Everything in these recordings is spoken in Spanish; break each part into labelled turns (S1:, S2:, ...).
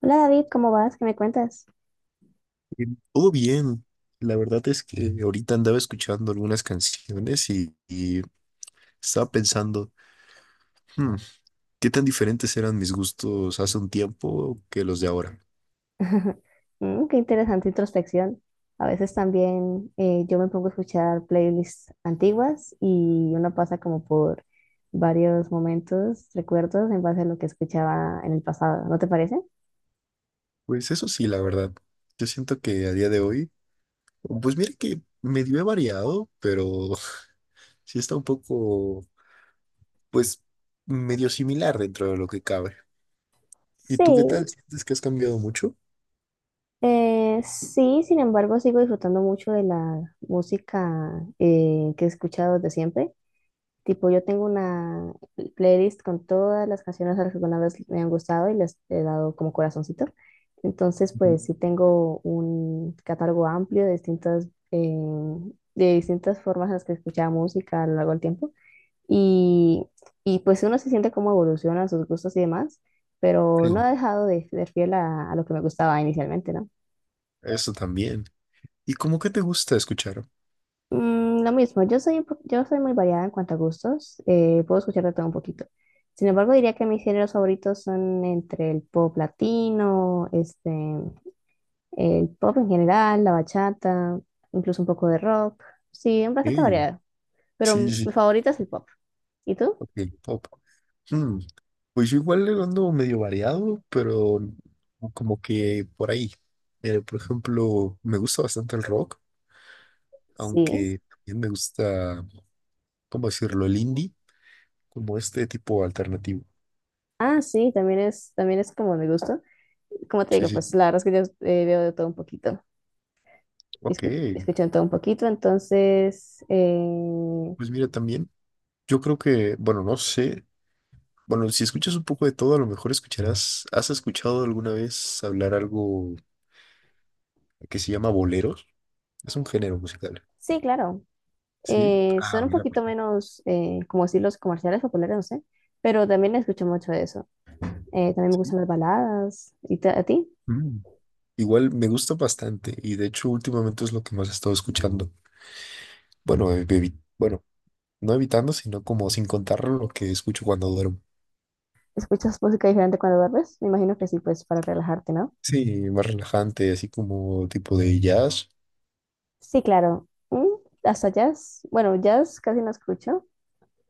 S1: Hola David, ¿cómo vas? ¿Qué me cuentas?
S2: Bien. Todo bien. La verdad es que ahorita andaba escuchando algunas canciones y estaba pensando, "Hmm, ¿qué tan diferentes eran mis gustos hace un tiempo que los de ahora?"
S1: Mm, qué interesante introspección. A veces también yo me pongo a escuchar playlists antiguas y uno pasa como por varios momentos, recuerdos en base a lo que escuchaba en el pasado, ¿no te parece?
S2: Pues eso sí, la verdad. Yo siento que a día de hoy, pues mira que medio he variado, pero sí está un poco, pues, medio similar dentro de lo que cabe. ¿Y
S1: Sí,
S2: tú qué tal? ¿Sientes que has cambiado mucho?
S1: sí, sin embargo sigo disfrutando mucho de la música que he escuchado desde siempre. Tipo, yo tengo una playlist con todas las canciones a las que alguna vez me han gustado y les he dado como corazoncito. Entonces,
S2: Ujú.
S1: pues sí tengo un catálogo amplio de distintas formas en las que escuchaba música a lo largo del tiempo. Y, pues uno se siente como evoluciona sus gustos y demás, pero no
S2: Sí,
S1: ha dejado de ser fiel a lo que me gustaba inicialmente, ¿no?
S2: eso también. ¿Y cómo que te gusta escuchar?
S1: Mm, lo mismo. Yo soy, yo soy muy variada en cuanto a gustos, puedo escuchar de todo un poquito. Sin embargo, diría que mis géneros favoritos son entre el pop latino, este, el pop en general, la bachata, incluso un poco de rock. Sí, bastante
S2: Ey,
S1: variado, pero
S2: sí, sí,
S1: mi favorita es el pop. ¿Y tú?
S2: ok, pop. Hmm, Pues yo igual le ando medio variado, pero como que por ahí. Por ejemplo, me gusta bastante el rock,
S1: Sí.
S2: aunque también me gusta, ¿cómo decirlo? El indie, como este tipo alternativo.
S1: Ah, sí, también es como mi gusto. Como te
S2: Sí,
S1: digo,
S2: sí,
S1: pues la verdad es que yo veo de todo un poquito,
S2: ok.
S1: escucho de todo un poquito, entonces...
S2: Pues mira, también yo creo que, bueno, no sé. Bueno, si escuchas un poco de todo, a lo mejor escucharás, ¿has escuchado alguna vez hablar algo que se llama boleros? Es un género musical,
S1: sí, claro.
S2: ¿sí? Ah,
S1: Son un
S2: mira,
S1: poquito
S2: pues.
S1: menos, como decir, los comerciales populares, no sé, pero también escucho mucho de eso. También me
S2: Sí.
S1: gustan las baladas. ¿Y a ti?
S2: Mm. Igual me gusta bastante y de hecho últimamente es lo que más he estado escuchando. Bueno, bueno, no evitando, sino como sin contar lo que escucho cuando duermo.
S1: ¿Escuchas música diferente cuando duermes? Me imagino que sí, pues para relajarte, ¿no?
S2: Sí, más relajante, así como tipo de jazz.
S1: Sí, claro. Mm, hasta jazz. Bueno, jazz casi no escucho,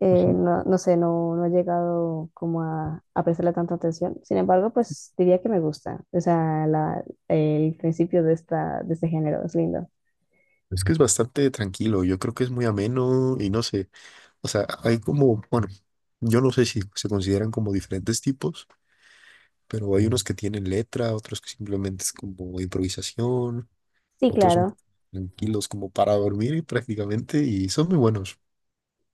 S2: Ujú.
S1: no, no sé, no he llegado como a prestarle tanta atención. Sin embargo, pues diría que me gusta. O sea, la, el principio de esta, de este género es lindo.
S2: Es que es bastante tranquilo, yo creo que es muy ameno y no sé. O sea, hay como, bueno, yo no sé si se consideran como diferentes tipos, pero hay unos que tienen letra, otros que simplemente es como improvisación,
S1: Sí,
S2: otros son
S1: claro.
S2: tranquilos como para dormir prácticamente y son muy buenos.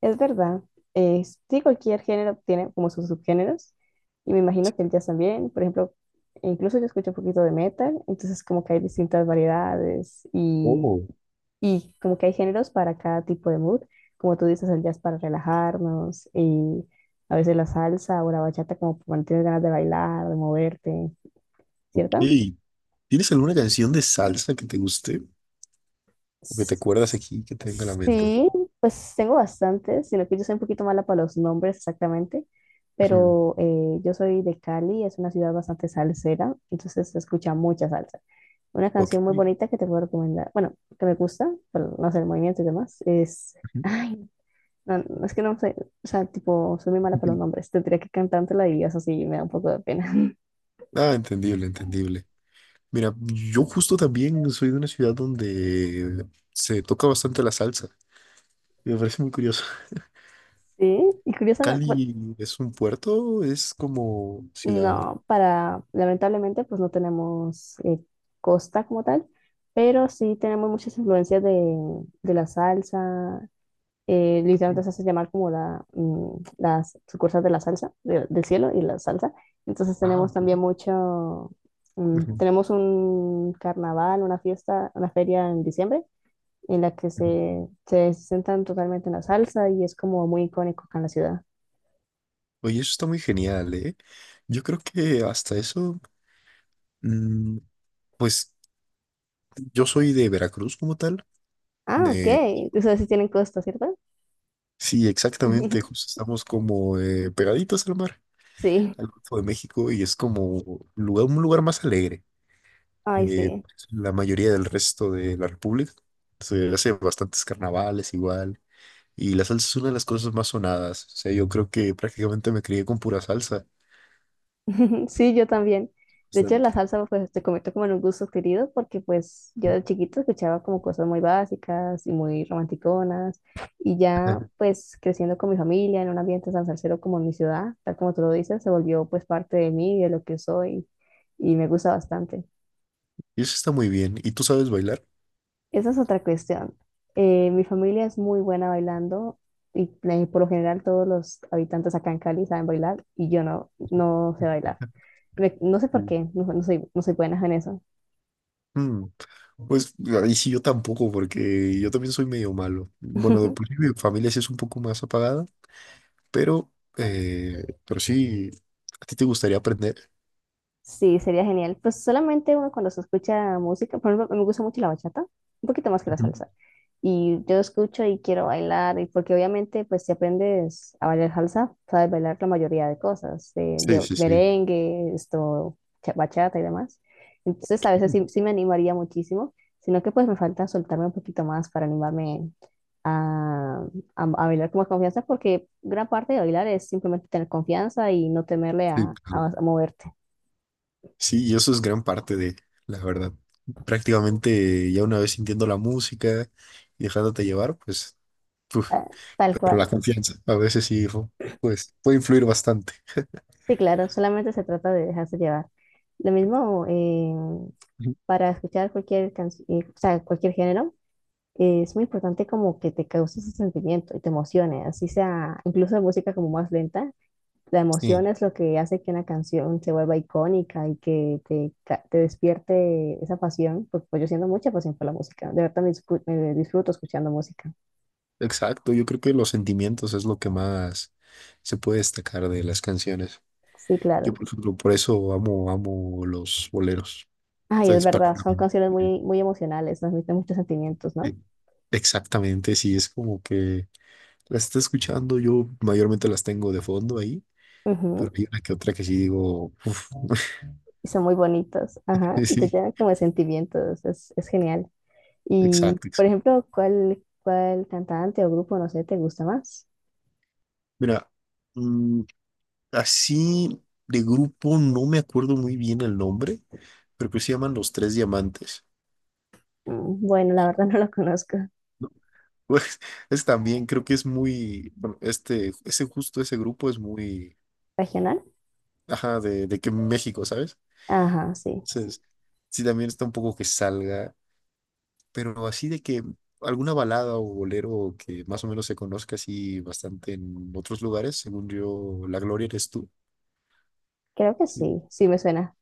S1: Es verdad. Eh, sí, cualquier género tiene como sus subgéneros. Y me imagino que el jazz también. Por ejemplo, incluso yo escucho un poquito de metal. Entonces como que hay distintas variedades y,
S2: Oh,
S1: y como que hay géneros para cada tipo de mood. Como tú dices, el jazz para relajarnos y a veces la salsa o la bachata como cuando tienes ganas de bailar, de moverte,
S2: ok.
S1: ¿cierto?
S2: ¿Tienes alguna canción de salsa que te guste o que te acuerdas aquí que te venga a la mente?
S1: Sí, pues tengo bastantes, sino que yo soy un poquito mala para los nombres exactamente,
S2: Ujú.
S1: pero yo soy de Cali, es una ciudad bastante salsera, entonces se escucha mucha salsa. Una
S2: Ok.
S1: canción muy bonita que te puedo recomendar, bueno, que me gusta, pero no sé, el movimiento y demás, es, ay, no, no, es que no sé, o sea, tipo, soy muy mala para
S2: Ujú.
S1: los nombres, tendría que cantártela y eso sí me da un poco de pena.
S2: Ah, entendible, entendible. Mira, yo justo también soy de una ciudad donde se toca bastante la salsa. Me parece muy curioso.
S1: Sí, y curiosamente,
S2: Cali es un puerto, es como ciudad.
S1: no, para, lamentablemente, pues no tenemos costa como tal, pero sí tenemos muchas influencias de la salsa.
S2: Mm.
S1: Literalmente se hace llamar como la, mm, las sucursales de la salsa, del cielo y la salsa. Entonces
S2: Ah,
S1: tenemos
S2: ok.
S1: también mucho, mm,
S2: Ujú,
S1: tenemos un carnaval, una fiesta, una feria en diciembre, en la que
S2: ujú.
S1: se centran totalmente en la salsa y es como muy icónico acá en la ciudad.
S2: Oye, eso está muy genial, ¿eh? Yo creo que hasta eso, mm, pues yo soy de Veracruz como tal.
S1: Ah, ok.
S2: de-
S1: Ustedes sí tienen costa, ¿cierto?
S2: sí, exactamente, justo estamos como pegaditos al mar,
S1: Sí.
S2: al Golfo de México, y es como un lugar más alegre
S1: Ay,
S2: que
S1: sí.
S2: pues, la mayoría del resto de la República. Se hace bastantes carnavales igual. Y la salsa es una de las cosas más sonadas. O sea, yo creo que prácticamente me crié con pura salsa.
S1: Sí, yo también. De hecho, la
S2: Bastante.
S1: salsa, pues, te comento como en un gusto querido, porque, pues, yo
S2: Mm.
S1: de chiquito escuchaba como cosas muy básicas y muy romanticonas, y
S2: Ajá.
S1: ya, pues, creciendo con mi familia en un ambiente tan salsero como en mi ciudad, tal como tú lo dices, se volvió, pues, parte de mí, de lo que soy, y me gusta bastante.
S2: Y eso está muy bien. ¿Y tú sabes bailar?
S1: Esa es otra cuestión. Mi familia es muy buena bailando, y por lo general todos los habitantes acá en Cali saben bailar, y yo no, no sé bailar. No sé por
S2: Mm.
S1: qué, no, no soy buena en eso.
S2: Mm, Pues ahí sí yo tampoco, porque yo también soy medio malo. Bueno, de por sí mi familia sí es un poco más apagada, pero, pero sí, ¿a ti te gustaría aprender?
S1: Sí, sería genial. Pues solamente uno cuando se escucha música, por ejemplo, me gusta mucho la bachata, un poquito más que la
S2: Ujú.
S1: salsa. Y yo escucho y quiero bailar, y porque obviamente, pues si aprendes a bailar salsa, sabes bailar la mayoría de cosas,
S2: Sí,
S1: de
S2: sí, sí.
S1: merengue, esto, bachata y demás. Entonces, a veces sí,
S2: Ok.
S1: sí me animaría muchísimo, sino que pues me falta soltarme un poquito más para animarme a, a bailar con más confianza, porque gran parte de bailar es simplemente tener confianza y no temerle
S2: Sí, claro.
S1: a moverte.
S2: Sí, y eso es gran parte de, la verdad. Prácticamente ya una vez sintiendo la música y dejándote llevar, pues.
S1: Ah, tal
S2: Pero la
S1: cual.
S2: confianza, a veces sí, pues puede influir bastante.
S1: Sí, claro, solamente se trata de dejarse llevar. Lo mismo,
S2: Ujú.
S1: para escuchar cualquier canción, o sea, cualquier género, es muy importante como que te cause ese sentimiento y te emocione, así sea, incluso música como más lenta, la
S2: Sí,
S1: emoción es lo que hace que una canción se vuelva icónica y que te, te despierte esa pasión, porque pues, yo siento mucha pasión por la música, de verdad me, me disfruto escuchando música.
S2: exacto. Yo creo que los sentimientos es lo que más se puede destacar de las canciones.
S1: Sí,
S2: Yo,
S1: claro.
S2: por ejemplo, por eso amo, amo los boleros.
S1: Ay, es
S2: Entonces,
S1: verdad, son
S2: prácticamente.
S1: canciones muy, muy emocionales, transmiten muchos sentimientos, ¿no?
S2: Exactamente, sí, es como que la está escuchando, yo mayormente las tengo de fondo ahí, pero
S1: Ujú,
S2: hay una que otra que sí digo, uf,
S1: y son muy bonitos, ajá, y te
S2: sí,
S1: llenan como de sentimientos, es genial. Y,
S2: exacto.
S1: por ejemplo, ¿cuál, cuál cantante o grupo, no sé, te gusta más?
S2: Mira, mm, así de grupo, no me acuerdo muy bien el nombre, pero que se llaman Los Tres Diamantes.
S1: Mm, bueno, la verdad no lo conozco.
S2: ¿No? Pues, es también, creo que es muy, bueno, este, ese justo, ese grupo es muy,
S1: ¿Regional?
S2: ajá, de que México, ¿sabes?
S1: Ajá, sí,
S2: Entonces, sí, también está un poco que salga, pero así de que alguna balada o bolero que más o menos se conozca así bastante en otros lugares, según yo, La Gloria eres tú.
S1: creo que
S2: Sí.
S1: sí, sí me suena.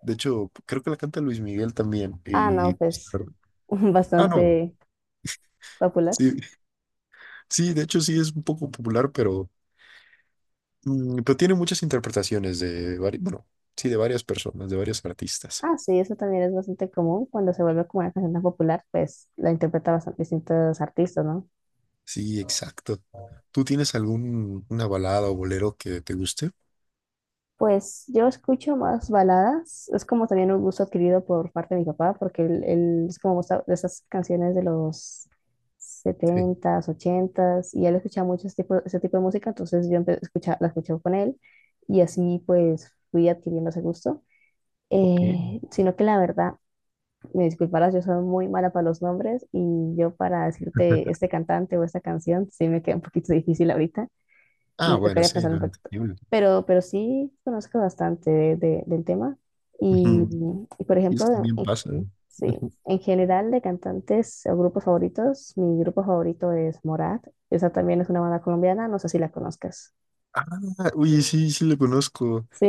S2: De hecho, creo que la canta Luis Miguel también,
S1: Ah,
S2: y,
S1: no,
S2: pues, la
S1: pues
S2: verdad- ah, no.
S1: bastante popular.
S2: Sí, sí, de hecho sí es un poco popular, pero tiene muchas interpretaciones de varios, bueno, sí, de varias personas, de varios artistas.
S1: Ah, sí, eso también es bastante común cuando se vuelve como una canción tan popular, pues la interpreta bastante distintos artistas, ¿no?
S2: Sí, exacto. ¿Tú tienes algún una balada o bolero que te guste?
S1: Pues yo escucho más baladas, es como también un gusto adquirido por parte de mi papá, porque él es como gusta de esas canciones de los
S2: Sí.
S1: setentas, ochentas y él escuchaba mucho ese tipo de música, entonces yo la escuchaba con él y así pues fui adquiriendo ese gusto.
S2: Ok.
S1: Sino que la verdad, me disculparás, yo soy muy mala para los nombres y yo para decirte este cantante o esta canción, sí me queda un poquito difícil ahorita y
S2: Ah,
S1: me
S2: bueno,
S1: tocaría
S2: sí,
S1: pensar
S2: no,
S1: un poquito.
S2: entendible.
S1: Pero sí conozco bastante del tema. Y,
S2: Ujú.
S1: por
S2: Y eso
S1: ejemplo,
S2: también pasa, ¿eh?
S1: sí,
S2: Ujú.
S1: en general de cantantes o grupos favoritos, mi grupo favorito es Morat. Esa también es una banda colombiana, no sé si la conozcas.
S2: Ah, oye, sí, sí lo conozco.
S1: ¿Sí?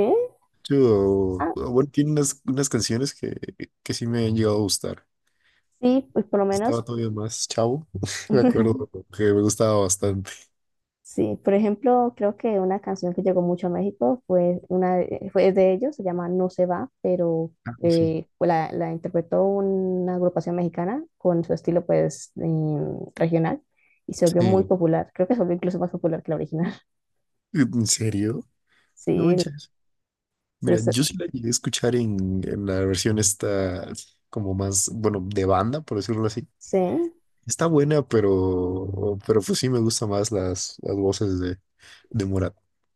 S2: Yo,
S1: Ah,
S2: ah, bueno, tiene unas canciones que sí me han llegado a gustar.
S1: sí, pues por lo
S2: Estaba
S1: menos.
S2: todavía más chavo, me acuerdo que me gustaba bastante.
S1: Sí, por ejemplo, creo que una canción que llegó mucho a México fue fue de ellos, se llama No se va, pero
S2: Ah, sí.
S1: pues la interpretó una agrupación mexicana con su estilo pues regional y se volvió muy
S2: Sí.
S1: popular. Creo que se volvió incluso más popular que la original.
S2: ¿En serio? No
S1: Sí,
S2: manches.
S1: se-
S2: Mira,
S1: se-
S2: yo sí la llegué a escuchar en la versión esta, como más, bueno, de banda, por decirlo así.
S1: sí.
S2: Está buena, pero pues sí me gustan más las voces de Morat.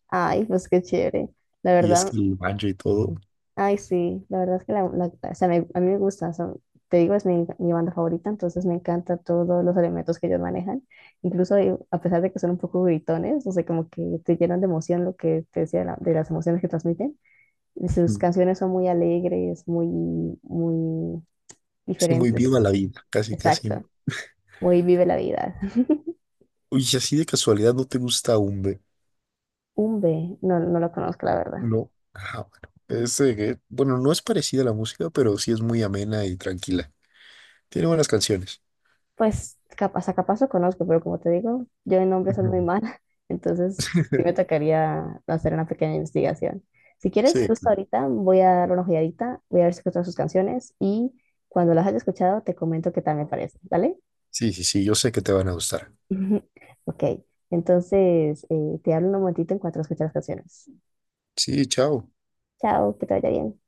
S1: Ay, pues qué chévere. La
S2: Y es
S1: verdad,
S2: que el banjo y todo,
S1: ay, sí, la verdad es que la, o sea, a mí me gusta, o te digo, es mi banda favorita, entonces me encanta todos los elementos que ellos manejan, incluso a pesar de que son un poco gritones, no sé, como que te llenan de emoción lo que te decía, de, de las emociones que transmiten, y sus
S2: mm,
S1: canciones son muy alegres, muy, muy
S2: sí, muy viva
S1: diferentes,
S2: la vida, casi, casi, ¿no?
S1: exacto, muy vive la vida.
S2: Uy, y así de casualidad no te gusta Umbe,
S1: Umbe, no, no lo conozco, la verdad.
S2: ¿no? Ah, bueno. Es, bueno, no es parecida a la música, pero sí es muy amena y tranquila. Tiene buenas canciones.
S1: Pues capaz, a capaz lo conozco, pero como te digo, yo en nombres soy muy
S2: Ujú.
S1: mala, entonces sí me tocaría hacer una pequeña investigación. Si quieres,
S2: Sí,
S1: justo
S2: claro.
S1: ahorita voy a dar una ojeadita, voy a ver si escucho sus canciones y cuando las haya escuchado te comento qué tal me parece, ¿vale?
S2: Sí, sí, sí, yo sé que te van a gustar.
S1: Ok, entonces te hablo un momentito en cuanto escuche las canciones.
S2: Sí, chao.
S1: Chao, que te vaya bien.